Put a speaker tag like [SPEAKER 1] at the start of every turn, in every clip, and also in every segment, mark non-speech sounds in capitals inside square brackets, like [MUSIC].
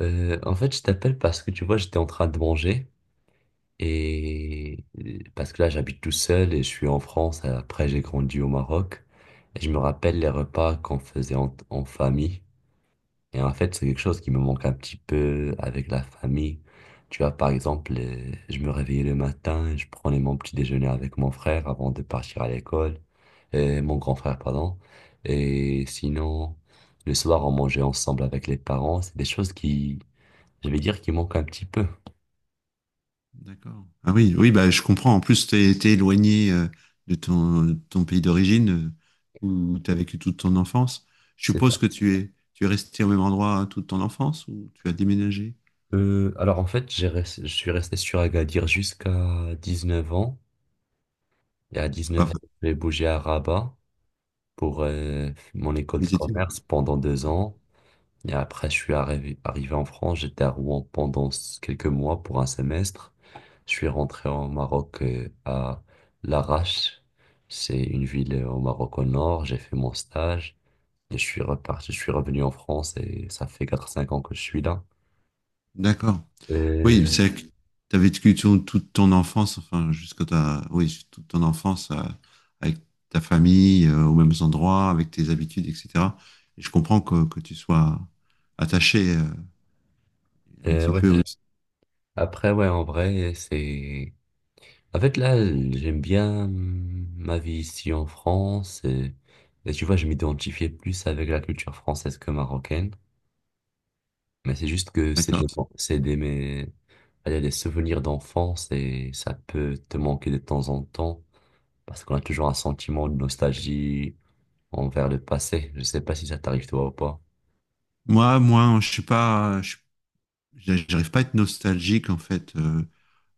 [SPEAKER 1] Je t'appelle parce que tu vois, j'étais en train de manger parce que là, j'habite tout seul et je suis en France. Après, j'ai grandi au Maroc et je me rappelle les repas qu'on faisait en famille. Et en fait, c'est quelque chose qui me manque un petit peu avec la famille. Tu vois, par exemple, je me réveillais le matin et je prenais mon petit déjeuner avec mon frère avant de partir à l'école, et mon grand frère, pardon. Et sinon, le soir, on mangeait ensemble avec les parents. C'est des choses qui, je vais dire, qu'il manque un petit peu.
[SPEAKER 2] D'accord. Ah oui, oui, bah, je comprends. En plus, tu es, éloigné de ton pays d'origine où tu as vécu toute ton enfance. Je
[SPEAKER 1] C'est
[SPEAKER 2] suppose
[SPEAKER 1] un
[SPEAKER 2] que tu es resté au même endroit hein, toute ton enfance ou tu as déménagé?
[SPEAKER 1] Alors en fait, je suis resté sur Agadir jusqu'à 19 ans. Et à 19 ans,
[SPEAKER 2] Enfin,
[SPEAKER 1] j'ai bougé à Rabat pour mon école de
[SPEAKER 2] les études.
[SPEAKER 1] commerce pendant 2 ans. Et après, je suis arrivé en France. J'étais à Rouen pendant quelques mois pour un semestre. Je suis rentré au Maroc à Larache. C'est une ville au Maroc au nord. J'ai fait mon stage. Et je suis reparti, je suis revenu en France et ça fait 4 5 ans que je suis là.
[SPEAKER 2] D'accord. Oui, c'est que tu as vécu ton- toute ton enfance, enfin, toute ton enfance avec ta famille, aux mêmes endroits, avec tes habitudes, etc. Et je comprends que tu sois attaché un petit
[SPEAKER 1] Ouais.
[SPEAKER 2] peu aussi.
[SPEAKER 1] Après, ouais, en vrai, c'est... En fait, là, j'aime bien ma vie ici en France. Et tu vois, je m'identifiais plus avec la culture française que marocaine. Mais c'est juste que
[SPEAKER 2] D'accord.
[SPEAKER 1] c'est des, mais, allez, des souvenirs d'enfance et ça peut te manquer de temps en temps parce qu'on a toujours un sentiment de nostalgie envers le passé. Je sais pas si ça t'arrive toi ou pas.
[SPEAKER 2] Moi, je suis pas, je, suis- j'arrive pas à être nostalgique en fait. Euh,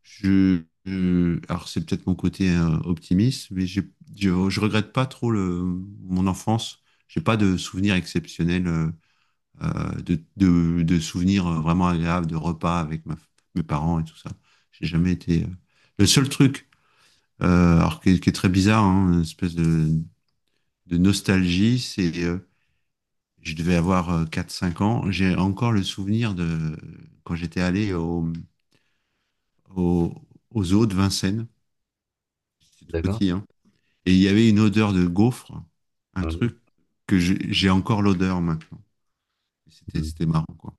[SPEAKER 2] je, je- Alors c'est peut-être mon côté optimiste, je regrette pas trop mon enfance. J'ai pas de souvenirs exceptionnels, de, de souvenirs vraiment agréables, de repas avec mes parents et tout ça. J'ai jamais été. Le seul truc, alors qui est très bizarre, hein, une espèce de nostalgie, c'est je devais avoir quatre cinq ans. J'ai encore le souvenir de quand j'étais allé au, au zoo de Vincennes. J'étais tout
[SPEAKER 1] D'accord?
[SPEAKER 2] petit. Hein. Et il y avait une odeur de gaufre, un
[SPEAKER 1] Mhm.
[SPEAKER 2] truc j'ai encore l'odeur maintenant. C'était marrant, quoi.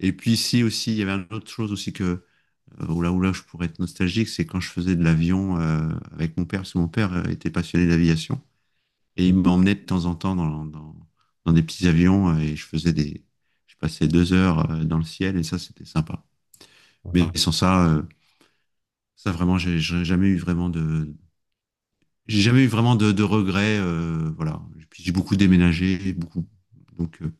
[SPEAKER 2] Et puis ici aussi, il y avait une autre chose aussi que, oh là, oh là, je pourrais être nostalgique, c'est quand je faisais de l'avion avec mon père, parce que mon père était passionné d'aviation. Et il m'emmenait de temps en temps dans des petits avions et je passais deux heures dans le ciel et ça, c'était sympa. Mais
[SPEAKER 1] Mhm.
[SPEAKER 2] sans ça, ça vraiment, j'ai jamais eu vraiment de regrets, voilà. Puis j'ai beaucoup déménagé, beaucoup, donc euh,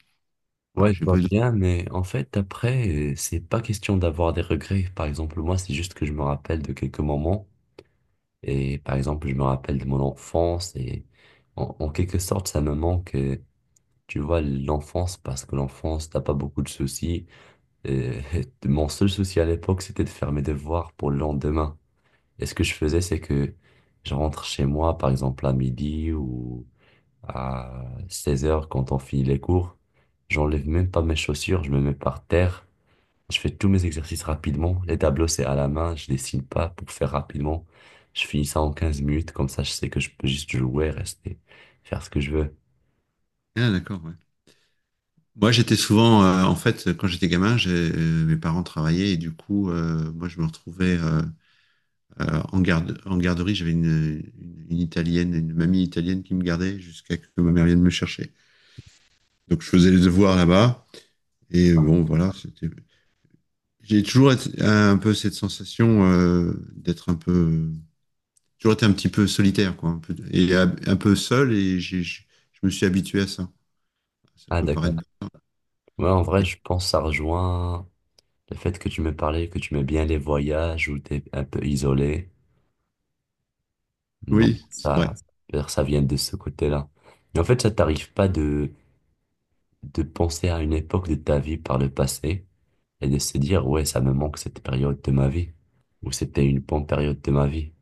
[SPEAKER 2] voilà,
[SPEAKER 1] Ouais, je
[SPEAKER 2] j'ai pas
[SPEAKER 1] vois
[SPEAKER 2] eu de...
[SPEAKER 1] bien, mais en fait, après, c'est pas question d'avoir des regrets. Par exemple, moi, c'est juste que je me rappelle de quelques moments. Et par exemple, je me rappelle de mon enfance. Et en quelque sorte, ça me manque, tu vois, l'enfance, parce que l'enfance, t'as pas beaucoup de soucis. Euh, [LAUGHS] mon seul souci à l'époque, c'était de faire mes devoirs pour le lendemain. Et ce que je faisais, c'est que je rentre chez moi, par exemple, à midi ou à 16 heures quand on finit les cours. J'enlève même pas mes chaussures, je me mets par terre, je fais tous mes exercices rapidement. Les tableaux, c'est à la main, je dessine pas pour faire rapidement. Je finis ça en 15 minutes, comme ça je sais que je peux juste jouer, rester, faire ce que je veux.
[SPEAKER 2] Ah, d'accord, ouais. Moi, j'étais souvent, en fait, quand j'étais gamin, mes parents travaillaient et du coup, moi, je me retrouvais en garderie, j'avais une italienne, une mamie italienne qui me gardait jusqu'à ce que ma mère vienne me chercher. Donc je faisais les devoirs là-bas. Et bon, voilà, c'était. Un peu cette sensation d'être un peu, toujours été un petit peu solitaire, quoi, un peu, et un peu seul. Je me suis habitué à ça. Ça
[SPEAKER 1] Ah
[SPEAKER 2] peut
[SPEAKER 1] d'accord.
[SPEAKER 2] paraître.
[SPEAKER 1] Ouais, en vrai, je pense que ça rejoint le fait que tu me parlais, que tu mets bien les voyages où t'es un peu isolé. Non,
[SPEAKER 2] Oui, c'est vrai.
[SPEAKER 1] ça vient de ce côté-là. Mais en fait, ça t'arrive pas de penser à une époque de ta vie par le passé et de se dire, ouais, ça me manque cette période de ma vie, ou c'était une bonne période de ma vie.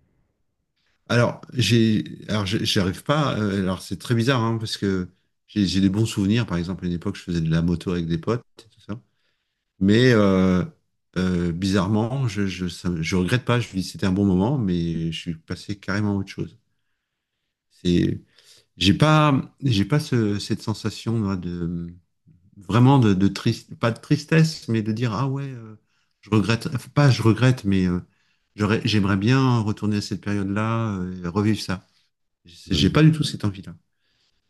[SPEAKER 2] J'arrive pas. C'est très bizarre, hein, parce que j'ai des bons souvenirs. Par exemple, à une époque, je faisais de la moto avec des potes, et tout ça. Mais euh, Bizarrement, je regrette pas. Je me dis c'était un bon moment, mais je suis passé carrément à autre chose. C'est, j'ai pas cette sensation moi, de vraiment de triste, pas de tristesse, mais de dire ah ouais, je regrette, enfin, pas je regrette, mais j'aimerais bien retourner à cette période-là, et revivre ça. J'ai
[SPEAKER 1] Hmm.
[SPEAKER 2] pas du tout cette envie-là.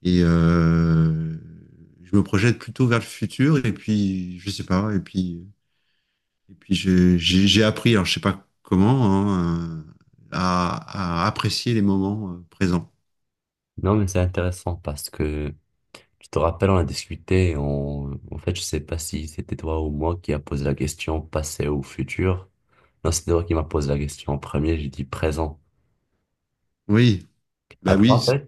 [SPEAKER 2] Et je me projette plutôt vers le futur, et puis je sais pas, et puis. Et puis j'ai appris, alors je sais pas comment, hein, à apprécier les moments présents.
[SPEAKER 1] Non, mais c'est intéressant parce que tu te rappelles, on a discuté, on... en fait, je sais pas si c'était toi ou moi qui a posé la question passé ou futur. Non, c'était toi qui m'a posé la question en premier, j'ai dit présent.
[SPEAKER 2] Oui, bah
[SPEAKER 1] Après,
[SPEAKER 2] oui,
[SPEAKER 1] en fait,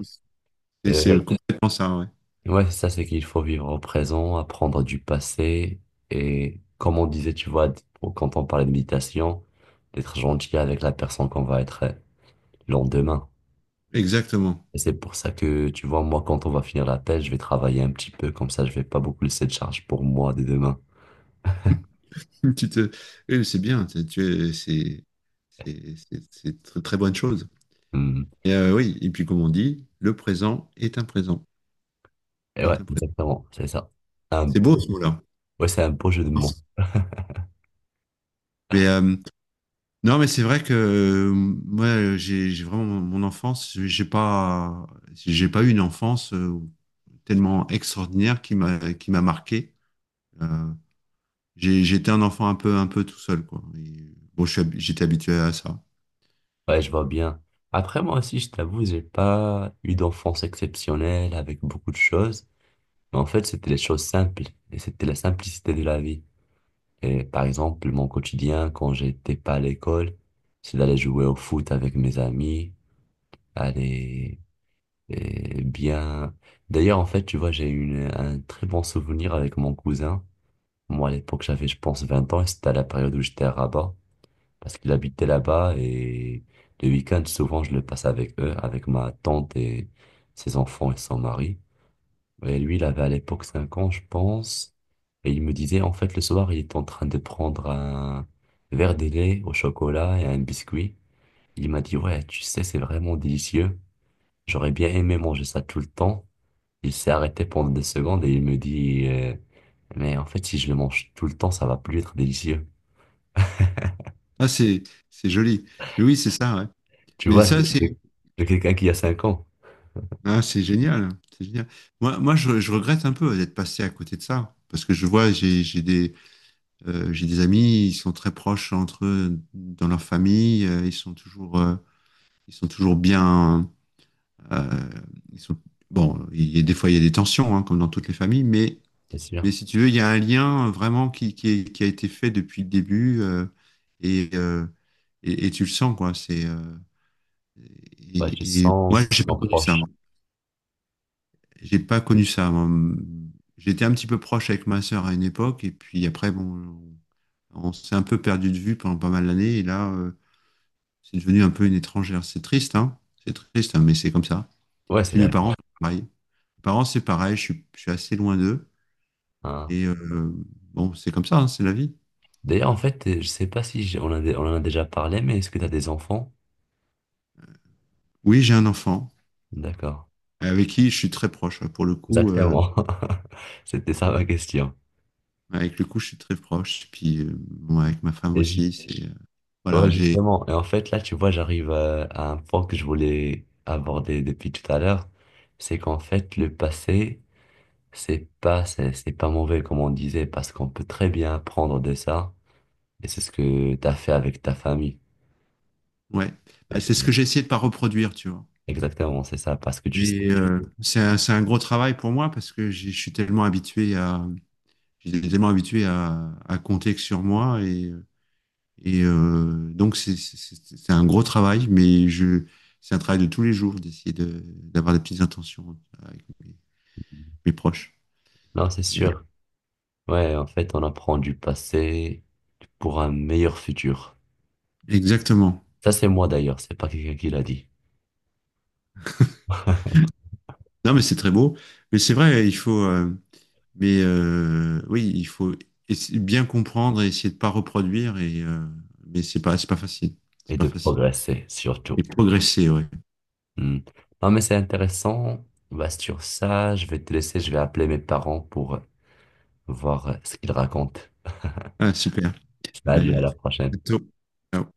[SPEAKER 1] euh, ouais,
[SPEAKER 2] c'est complètement ça, ouais.
[SPEAKER 1] ouais, ça c'est qu'il faut vivre au présent, apprendre du passé et comme on disait, tu vois, quand on parlait de méditation, d'être gentil avec la personne qu'on va être le lendemain.
[SPEAKER 2] Exactement.
[SPEAKER 1] Et c'est pour ça que, tu vois, moi, quand on va finir la tâche, je vais travailler un petit peu, comme ça, je vais pas beaucoup laisser de charge pour moi dès demain.
[SPEAKER 2] [LAUGHS] Tu te, oui, c'est bien, c'est c'est une très, très bonne chose.
[SPEAKER 1] Hmm.
[SPEAKER 2] Et oui, et puis comme on dit, le présent est
[SPEAKER 1] Et ouais,
[SPEAKER 2] un présent.
[SPEAKER 1] exactement, c'est ça. Un
[SPEAKER 2] C'est beau
[SPEAKER 1] beau-
[SPEAKER 2] ce mot-là.
[SPEAKER 1] Ouais, c'est un beau jeu de mots.
[SPEAKER 2] Mais euh, non, mais c'est vrai que moi, j'ai vraiment mon enfance, j'ai pas eu une enfance. Tellement extraordinaire qui m'a marqué. Euh, J'étais un enfant un peu tout seul quoi. Et bon, j'étais habitué à ça.
[SPEAKER 1] Ouais, je vois bien. Après, moi aussi, je t'avoue, j'ai pas eu d'enfance exceptionnelle avec beaucoup de choses. Mais en fait, c'était les choses simples. Et c'était la simplicité de la vie. Et par exemple, mon quotidien, quand j'étais pas à l'école, c'est d'aller jouer au foot avec mes amis, aller Eh bien, d'ailleurs, en fait, tu vois, un très bon souvenir avec mon cousin. Moi, à l'époque, j'avais, je pense, 20 ans et c'était à la période où j'étais à Rabat parce qu'il habitait là-bas et le week-end, souvent, je le passe avec eux, avec ma tante et ses enfants et son mari. Et lui, il avait à l'époque 5 ans, je pense. Et il me disait, en fait, le soir, il est en train de prendre un verre de lait au chocolat et un biscuit. Il m'a dit, ouais, tu sais, c'est vraiment délicieux. J'aurais bien aimé manger ça tout le temps. Il s'est arrêté pendant des secondes et il me dit, mais en fait, si je le mange tout le temps, ça va plus être délicieux.
[SPEAKER 2] Ah, c'est joli. Mais oui c'est ça ouais.
[SPEAKER 1] Tu
[SPEAKER 2] Mais
[SPEAKER 1] vois,
[SPEAKER 2] ça c'est
[SPEAKER 1] de quelqu'un qui a 5 ans,
[SPEAKER 2] ah, c'est génial. Je regrette un peu d'être passé à côté de ça parce que je vois j'ai des amis, ils sont très proches entre eux, dans leur famille, ils sont toujours bien. euh, ils sont... Bon, il y a, des fois il y a des tensions, hein, comme dans toutes les familles,
[SPEAKER 1] c'est
[SPEAKER 2] mais
[SPEAKER 1] sûr.
[SPEAKER 2] si tu veux, il y a un lien vraiment qui a été fait depuis le début et, euh, et tu le sens, quoi.
[SPEAKER 1] Ouais, je
[SPEAKER 2] Et
[SPEAKER 1] sens
[SPEAKER 2] moi,
[SPEAKER 1] qu'il
[SPEAKER 2] j'ai pas
[SPEAKER 1] s'en
[SPEAKER 2] connu ça.
[SPEAKER 1] proche.
[SPEAKER 2] Moi. J'ai pas connu ça. Moi. J'étais un petit peu proche avec ma sœur à une époque, et puis après, bon, on s'est un peu perdu de vue pendant pas mal d'années, et là. C'est devenu un peu une étrangère. C'est triste, hein? C'est triste, hein, mais c'est comme ça.
[SPEAKER 1] Ouais,
[SPEAKER 2] Et
[SPEAKER 1] c'est
[SPEAKER 2] puis mes
[SPEAKER 1] la vie.
[SPEAKER 2] parents, c'est pareil. Mes parents, c'est pareil, je suis assez loin d'eux.
[SPEAKER 1] Hein.
[SPEAKER 2] Et bon, c'est comme ça, hein, c'est la vie.
[SPEAKER 1] D'ailleurs, en fait, je sais pas si on a, on en a déjà parlé, mais est-ce que tu as des enfants?
[SPEAKER 2] Oui, j'ai un enfant
[SPEAKER 1] D'accord.
[SPEAKER 2] avec qui je suis très proche. Pour le coup,
[SPEAKER 1] Exactement. [LAUGHS] C'était ça ma question.
[SPEAKER 2] je suis très proche. Puis bon, avec ma femme
[SPEAKER 1] Et ju-
[SPEAKER 2] aussi, c'est
[SPEAKER 1] ouais,
[SPEAKER 2] voilà, j'ai
[SPEAKER 1] justement. Et en fait, là, tu vois, j'arrive à un point que je voulais aborder depuis tout à l'heure. C'est qu'en fait, le passé. C'est pas, c'est pas mauvais comme on disait, parce qu'on peut très bien apprendre de ça, et c'est ce que tu as fait avec ta famille.
[SPEAKER 2] ouais, bah,
[SPEAKER 1] Et-
[SPEAKER 2] c'est ce que j'ai essayé de pas reproduire, tu vois.
[SPEAKER 1] Exactement, c'est ça, parce que tu sais.
[SPEAKER 2] Et
[SPEAKER 1] que-
[SPEAKER 2] c'est un gros travail pour moi parce que je suis tellement habitué à, j'étais tellement habitué à compter que sur moi et donc, c'est un gros travail, mais je, c'est un travail de tous les jours d'essayer de, d'avoir des petites intentions avec mes proches.
[SPEAKER 1] Non, c'est sûr. Ouais, en fait, on apprend du passé pour un meilleur futur.
[SPEAKER 2] Exactement.
[SPEAKER 1] Ça, c'est moi d'ailleurs, c'est pas quelqu'un qui l'a dit.
[SPEAKER 2] Non, mais c'est très beau. Mais c'est vrai, il faut. Oui, il faut bien comprendre et essayer de pas reproduire. Mais c'est pas facile.
[SPEAKER 1] Et
[SPEAKER 2] C'est pas
[SPEAKER 1] de
[SPEAKER 2] facile.
[SPEAKER 1] progresser, surtout.
[SPEAKER 2] Et progresser, ouais.
[SPEAKER 1] Hmm. Non, mais c'est intéressant. Bah, sur ça, je vais te laisser, je vais appeler mes parents pour voir ce qu'ils racontent.
[SPEAKER 2] Ah, super.
[SPEAKER 1] Salut, à
[SPEAKER 2] Ben, à
[SPEAKER 1] la prochaine.
[SPEAKER 2] bientôt. Ciao.